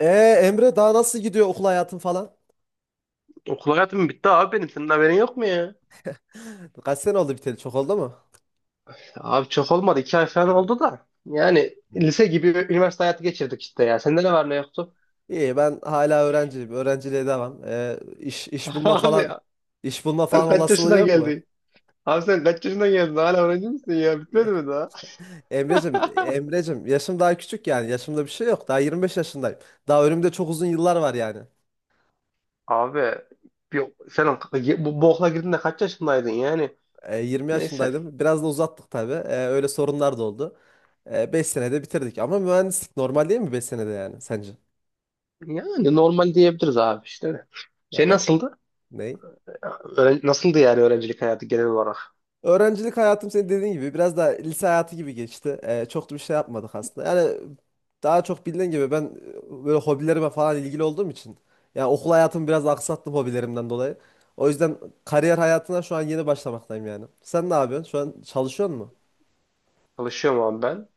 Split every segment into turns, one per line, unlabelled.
Ee, Emre, daha nasıl gidiyor okul hayatın falan?
Okul hayatım bitti abi benim. Senin haberin yok mu ya?
Kaç sene oldu, biteli çok oldu mu?
Abi çok olmadı. İki ay falan oldu da. Yani lise gibi üniversite hayatı geçirdik işte ya. Sende ne var ne yoktu?
İyi, ben hala öğrenciyim. Öğrenciliğe devam. İş, iş bulma
Abi
falan,
ya.
iş bulma
Sen
falan
kaç
olasılığın
yaşına
yok mu?
geldin? Abi sen kaç yaşına geldin? Hala öğrenci misin ya? Bitmedi mi daha?
Emrecim, Emrecim, yaşım daha küçük yani. Yaşımda bir şey yok. Daha 25 yaşındayım. Daha önümde çok uzun yıllar var yani.
Abi bir, sen bu okula girdiğinde kaç yaşındaydın yani?
20
Neyse.
yaşındaydım. Biraz da uzattık tabii. Öyle sorunlar da oldu. 5 senede bitirdik. Ama mühendislik normal değil mi 5 senede yani sence?
Yani normal diyebiliriz abi işte.
Ya
Şey
ben
nasıldı?
ne?
Nasıldı yani öğrencilik hayatı genel olarak?
Öğrencilik hayatım senin dediğin gibi biraz daha lise hayatı gibi geçti. Çok da bir şey yapmadık aslında. Yani daha çok, bildiğin gibi, ben böyle hobilerime falan ilgili olduğum için yani okul hayatımı biraz aksattım hobilerimden dolayı. O yüzden kariyer hayatına şu an yeni başlamaktayım yani. Sen ne yapıyorsun? Şu an çalışıyor musun?
Çalışıyorum abi ben.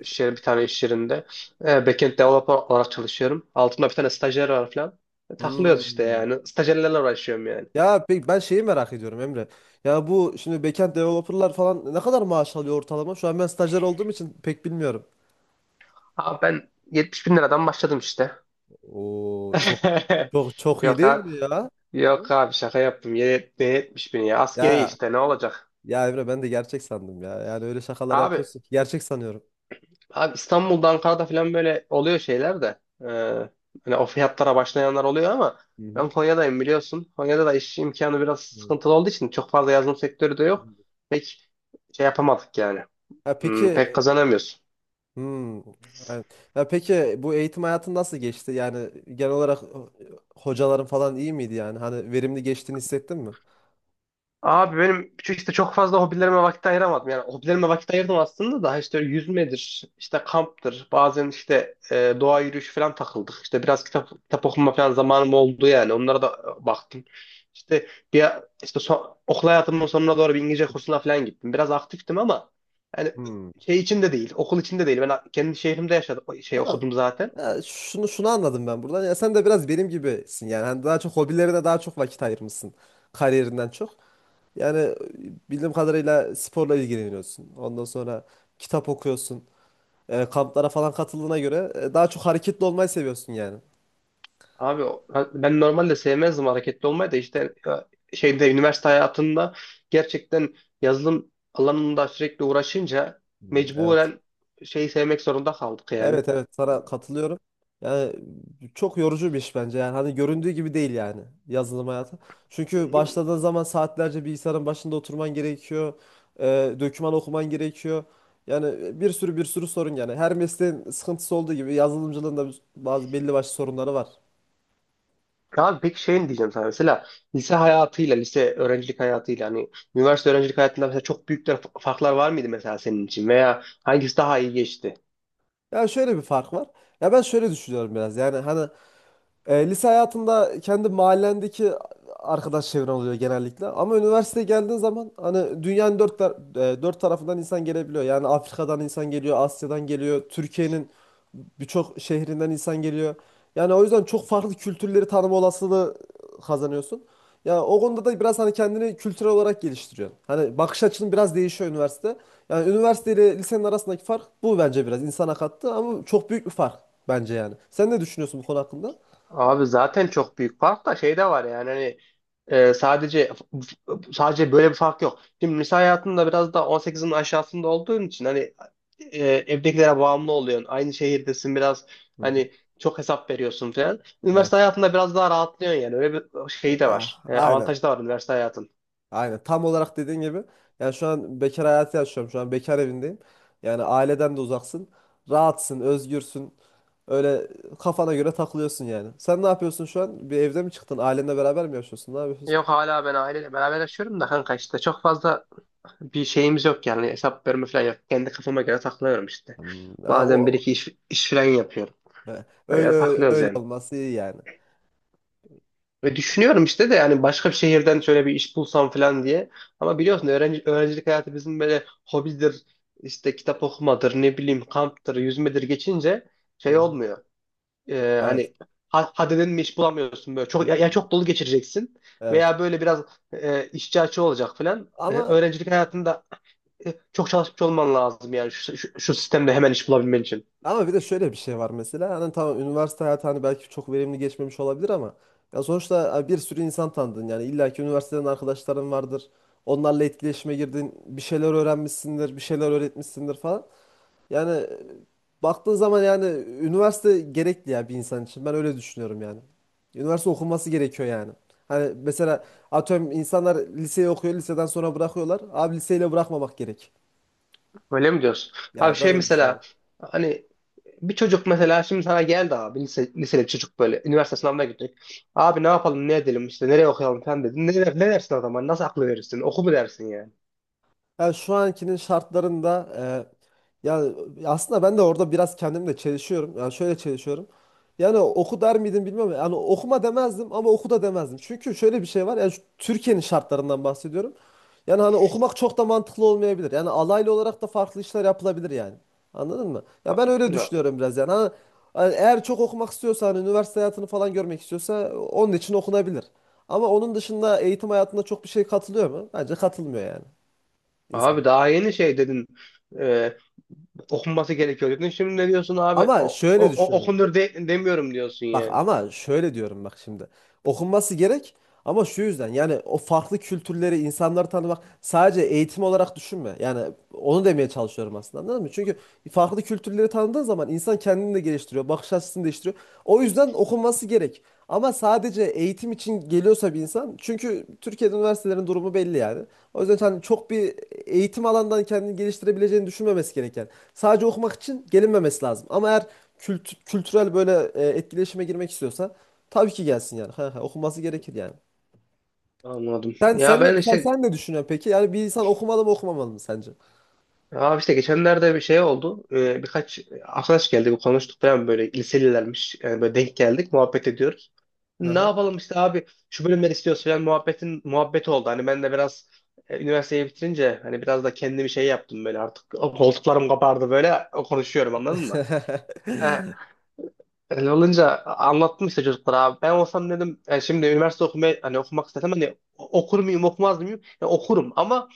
Bir tane iş yerinde. Backend developer olarak çalışıyorum. Altımda bir tane stajyer var falan. Takılıyoruz işte
Hmm.
yani. Stajyerlerle uğraşıyorum yani.
Ya pek ben şeyi merak ediyorum Emre. Ya bu şimdi backend developerlar falan ne kadar maaş alıyor ortalama? Şu an ben stajyer olduğum için pek bilmiyorum.
Abi ben 70 bin liradan başladım işte.
Oo, çok, çok iyi
Yok
değil
abi,
mi ya?
yok abi şaka yaptım. Ne 70 bin ya? Askeri
Ya
işte ne olacak?
Ya Emre, ben de gerçek sandım ya. Yani öyle şakalar
Abi,
yapıyorsun ki gerçek sanıyorum.
abi, İstanbul'da Ankara'da falan böyle oluyor şeyler de. Hani o fiyatlara başlayanlar oluyor ama
Hı hı.
ben Konya'dayım biliyorsun. Konya'da da iş imkanı biraz
Hı.
sıkıntılı olduğu için çok fazla yazılım sektörü de yok. Pek şey yapamadık yani.
Ya peki,
Hmm, pek kazanamıyorsun.
hmm, aynen. Ya peki bu eğitim hayatın nasıl geçti? Yani genel olarak hocaların falan iyi miydi yani? Hani verimli geçtiğini hissettin mi?
Abi benim şu işte çok fazla hobilerime vakit ayıramadım. Yani hobilerime vakit ayırdım aslında da işte yüzmedir, işte kamptır, bazen işte doğa yürüyüşü falan takıldık. İşte biraz kitap okuma falan zamanım oldu yani. Onlara da baktım. İşte bir işte okul hayatımın sonuna doğru bir İngilizce kursuna falan gittim. Biraz aktiftim ama yani
Hmm.
şey için de değil, okul için de değil. Ben kendi şehrimde yaşadım, şey
Tamam.
okudum zaten.
Ya, şunu anladım ben buradan. Ya sen de biraz benim gibisin yani. Hani daha çok hobilerine daha çok vakit ayırmışsın kariyerinden çok. Yani bildiğim kadarıyla sporla ilgileniyorsun. Ondan sonra kitap okuyorsun. Kamplara falan katıldığına göre daha çok hareketli olmayı seviyorsun yani.
Abi o- Ben normalde sevmezdim hareketli olmayı da işte şeyde üniversite hayatında gerçekten yazılım alanında sürekli uğraşınca
Hmm, evet.
mecburen şeyi sevmek zorunda kaldık yani.
Evet, evet, sana katılıyorum. Yani çok yorucu bir iş bence. Yani hani göründüğü gibi değil yani yazılım hayatı. Çünkü başladığın zaman saatlerce bilgisayarın başında oturman gerekiyor. E, Döküman okuman gerekiyor. Yani bir sürü sorun yani. Her mesleğin sıkıntısı olduğu gibi yazılımcılığın da bazı belli başlı sorunları var.
Abi peki şey diyeceğim sana mesela lise hayatıyla lise öğrencilik hayatıyla hani üniversite öğrencilik hayatında mesela çok büyük de farklar var mıydı mesela senin için veya hangisi daha iyi geçti?
Ya şöyle bir fark var. Ya ben şöyle düşünüyorum biraz. Yani hani lise hayatında kendi mahallendeki arkadaş çevren oluyor genellikle. Ama üniversiteye geldiğin zaman hani dünyanın dört tarafından insan gelebiliyor. Yani Afrika'dan insan geliyor, Asya'dan geliyor, Türkiye'nin birçok şehrinden insan geliyor. Yani o yüzden çok farklı kültürleri tanıma olasılığı kazanıyorsun. Ya o konuda da biraz hani kendini kültürel olarak geliştiriyorsun. Hani bakış açın biraz değişiyor üniversite. Yani üniversite ile lisenin arasındaki fark bu, bence biraz insana kattı ama çok büyük bir fark bence yani. Sen ne düşünüyorsun bu konu hakkında?
Abi zaten çok büyük fark da şey de var yani hani e, sadece sadece böyle bir fark yok. Şimdi lise hayatında biraz da 18'in aşağısında olduğun için hani evdekilere bağımlı oluyorsun. Aynı şehirdesin biraz
Hı hı.
hani çok hesap veriyorsun falan. Üniversite
Evet.
hayatında biraz daha rahatlıyorsun yani. Öyle bir şey de var.
Ah, aynen.
Avantajı da var üniversite hayatın.
Aynen. Tam olarak dediğin gibi. Yani şu an bekar hayatı yaşıyorum. Şu an bekar evindeyim. Yani aileden de uzaksın. Rahatsın, özgürsün. Öyle kafana göre takılıyorsun yani. Sen ne yapıyorsun şu an? Bir evde mi çıktın? Ailenle beraber mi yaşıyorsun? Ne yapıyorsun?
Yok hala ben aileyle beraber yaşıyorum da kanka işte çok fazla bir şeyimiz yok yani hesap verme falan yok. Kendi kafama göre takılıyorum işte.
Hmm, ha,
Bazen bir
o
iki iş falan yapıyorum.
he, öyle,
Öyle
öyle
takılıyoruz
öyle
yani.
olması iyi yani.
Ve düşünüyorum işte de yani başka bir şehirden şöyle bir iş bulsam falan diye. Ama biliyorsun öğrencilik hayatı bizim böyle hobidir, işte kitap okumadır, ne bileyim kamptır, yüzmedir geçince
Hı
şey
hı.
olmuyor.
Evet.
Hani hadi dedim mi iş bulamıyorsun böyle. Ya
Hmm,
çok dolu geçireceksin
evet.
veya böyle biraz işçi açığı olacak falan.
Ama
Öğrencilik hayatında çok çalışmış olman lazım yani şu sistemde hemen iş bulabilmen için.
ama bir de şöyle bir şey var mesela. Hani tamam, üniversite hayatı hani belki çok verimli geçmemiş olabilir ama ya sonuçta, ha, bir sürü insan tanıdın yani. İlla ki üniversiteden arkadaşların vardır. Onlarla etkileşime girdin. Bir şeyler öğrenmişsindir, bir şeyler öğretmişsindir falan. Yani baktığın zaman yani üniversite gerekli ya bir insan için. Ben öyle düşünüyorum yani. Üniversite okunması gerekiyor yani. Hani mesela atıyorum insanlar liseyi okuyor, liseden sonra bırakıyorlar. Abi liseyle bırakmamak gerek.
Öyle mi diyorsun? Abi
Ya ben
şey
öyle düşünüyorum.
mesela hani bir çocuk mesela şimdi sana geldi abi liseli bir çocuk böyle üniversite sınavına gittik. Abi ne yapalım ne edelim işte nereye okuyalım falan dedin. Ne dersin o zaman? Nasıl aklı verirsin? Oku mu dersin yani?
Yani şu ankinin şartlarında yani aslında ben de orada biraz kendimle çelişiyorum. Yani şöyle çelişiyorum. Yani oku der miydim bilmiyorum. Yani okuma demezdim ama oku da demezdim. Çünkü şöyle bir şey var. Yani şu Türkiye'nin şartlarından bahsediyorum. Yani hani okumak çok da mantıklı olmayabilir. Yani alaylı olarak da farklı işler yapılabilir yani. Anladın mı? Ya
A-
ben öyle
ya,
düşünüyorum biraz yani. Hani eğer çok okumak istiyorsa, hani üniversite hayatını falan görmek istiyorsa onun için okunabilir. Ama onun dışında eğitim hayatında çok bir şey katılıyor mu? Bence katılmıyor yani
Abi
insan.
daha yeni şey dedin e, okunması gerekiyor dedin. Şimdi ne diyorsun abi?
Ama şöyle düşünüyorum.
Okunur demiyorum diyorsun
Bak,
yani.
ama şöyle diyorum bak şimdi. Okunması gerek ama şu yüzden, yani o farklı kültürleri, insanları tanımak sadece eğitim olarak düşünme. Yani onu demeye çalışıyorum aslında, anladın mı? Çünkü farklı kültürleri tanıdığın zaman insan kendini de geliştiriyor, bakış açısını değiştiriyor. O yüzden okunması gerek. Ama sadece eğitim için geliyorsa bir insan, çünkü Türkiye'de üniversitelerin durumu belli yani. O yüzden hani çok bir eğitim alandan kendini geliştirebileceğini düşünmemesi gereken. Sadece okumak için gelinmemesi lazım. Ama eğer kültürel böyle etkileşime girmek istiyorsa tabii ki gelsin yani. Ha, ha, okunması gerekir yani.
Anladım.
Sen sen
Ya
ne
ben
sen
işte
sen ne düşünüyorsun peki? Yani bir insan okumalı mı okumamalı mı sence?
abi işte geçenlerde bir şey oldu. Birkaç arkadaş geldi, bir konuştuk falan böyle liselilermiş. Yani böyle denk geldik, muhabbet ediyoruz.
Hı
Ne
hı.
yapalım işte abi şu bölümleri istiyoruz falan muhabbetin muhabbeti oldu. Hani ben de biraz üniversiteyi bitirince hani biraz da kendimi şey yaptım böyle artık o koltuklarım kapardı böyle o konuşuyorum anladın mı? E, Öyle olunca anlattım işte çocuklara abi. Ben olsam dedim şimdi üniversite okumaya hani okumak istesem hani okur muyum okumaz mıyım? Ya okurum ama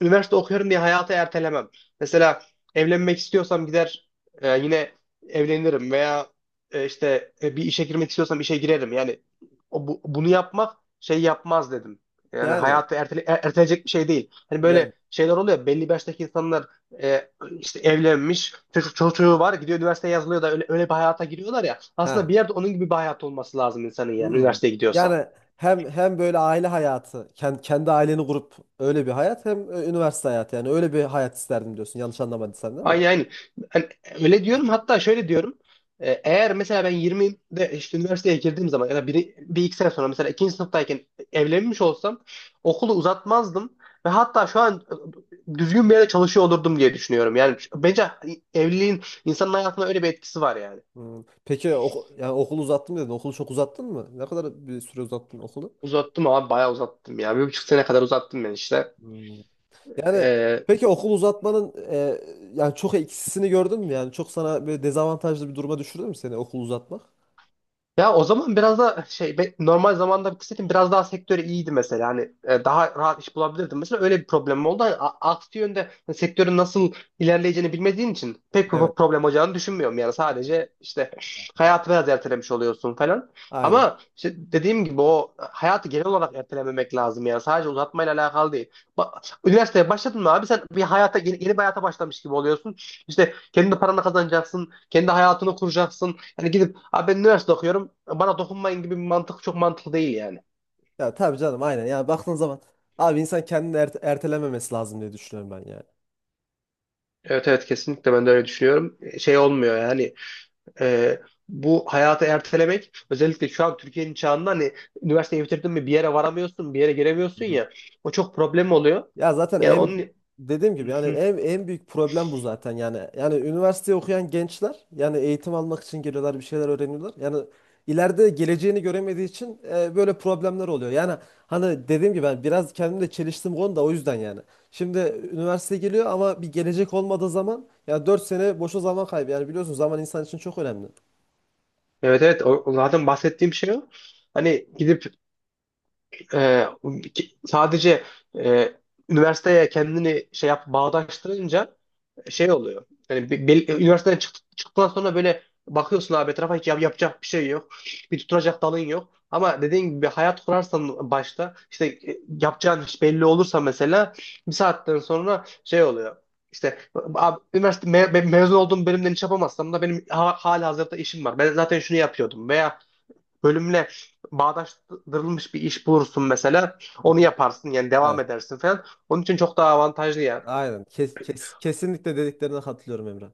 üniversite okuyorum diye hayatı ertelemem. Mesela evlenmek istiyorsam gider yine evlenirim veya bir işe girmek istiyorsam işe girerim. Yani o, bunu yapmak şey yapmaz dedim. Yani
Yani
hayatı erteleyecek bir şey değil. Hani
yani
böyle şeyler oluyor. Belli bir yaştaki insanlar e, işte evlenmiş, çocuğu var, gidiyor üniversiteye yazılıyor da öyle bir hayata giriyorlar ya. Aslında
ha,
bir yerde onun gibi bir hayat olması lazım insanın yani
hmm.
üniversiteye gidiyorsa.
Yani hem böyle aile hayatı, kendi aileni kurup öyle bir hayat, hem üniversite hayatı, yani öyle bir hayat isterdim diyorsun. Yanlış anlamadıysam değil mi?
Ay yani hani öyle diyorum hatta şöyle diyorum. Eğer mesela ben 20'de işte üniversiteye girdiğim zaman ya da biri, bir iki sene sonra mesela ikinci sınıftayken evlenmiş olsam okulu uzatmazdım ve hatta şu an düzgün bir yerde çalışıyor olurdum diye düşünüyorum. Yani bence hani, evliliğin insanın hayatına öyle bir etkisi var yani.
Hmm. Peki oku, yani okulu uzattım dedin. Okulu çok uzattın mı? Ne kadar bir süre uzattın okulu?
Uzattım abi bayağı uzattım ya. Bir buçuk sene kadar uzattım ben işte.
Hmm. Yani
Ee,
peki okul uzatmanın yani çok eksisini gördün mü? Yani çok sana böyle dezavantajlı bir duruma düşürdü mü seni okul uzatmak?
Ya o zaman biraz da normal zamanda bitirseydim biraz daha sektörü iyiydi mesela. Hani daha rahat iş bulabilirdim. Mesela öyle bir problemim oldu. Hani aksi yönde hani sektörün nasıl ilerleyeceğini bilmediğin için pek bir
Evet.
problem olacağını düşünmüyorum. Yani sadece işte hayatı biraz ertelemiş oluyorsun falan.
Aynen.
Ama işte dediğim gibi o hayatı genel olarak ertelememek lazım yani. Sadece uzatmayla alakalı değil. Ba- Üniversiteye başladın mı abi sen bir hayata yeni bir hayata başlamış gibi oluyorsun. İşte kendi paranı kazanacaksın, kendi hayatını kuracaksın. Hani gidip abi ben üniversite okuyorum bana dokunmayın gibi bir mantık çok mantıklı değil yani.
Ya tabii canım aynen. Yani baktığın zaman abi insan kendini ertelememesi lazım diye düşünüyorum ben yani.
Evet evet kesinlikle ben de öyle düşünüyorum. Şey olmuyor yani e, bu hayatı ertelemek özellikle şu an Türkiye'nin çağında hani üniversiteyi bitirdin mi bir yere varamıyorsun bir yere
Hı
giremiyorsun
hı.
ya o çok problem oluyor.
Ya zaten
Yani
en
onun
dediğim gibi yani
Hı.
en büyük problem bu zaten yani. Yani üniversite okuyan gençler yani eğitim almak için geliyorlar, bir şeyler öğreniyorlar. Yani ileride geleceğini göremediği için böyle problemler oluyor. Yani hani dediğim gibi ben biraz kendimle çeliştim konuda o yüzden yani. Şimdi üniversite geliyor ama bir gelecek olmadığı zaman ya 4 sene boşa zaman kaybı. Yani biliyorsun zaman insan için çok önemli.
Evet evet o zaten bahsettiğim şey o. Hani gidip e, sadece e, üniversiteye kendini şey yap bağdaştırınca şey oluyor. Yani üniversiteden çıktıktan sonra böyle bakıyorsun abi etrafa hiç yapacak bir şey yok. Bir tutunacak dalın yok. Ama dediğin gibi bir hayat kurarsan başta işte yapacağın iş belli olursa mesela bir saatten sonra şey oluyor. İşte abi, üniversite mezun olduğum bölümden iş yapamazsam da benim ha hali hazırda işim var. Ben zaten şunu yapıyordum veya bölümle bağdaştırılmış bir iş bulursun mesela
Hı
onu
hı.
yaparsın yani devam
Evet.
edersin falan. Onun için çok daha avantajlı yani.
Aynen. Kesinlikle dediklerine katılıyorum Emre.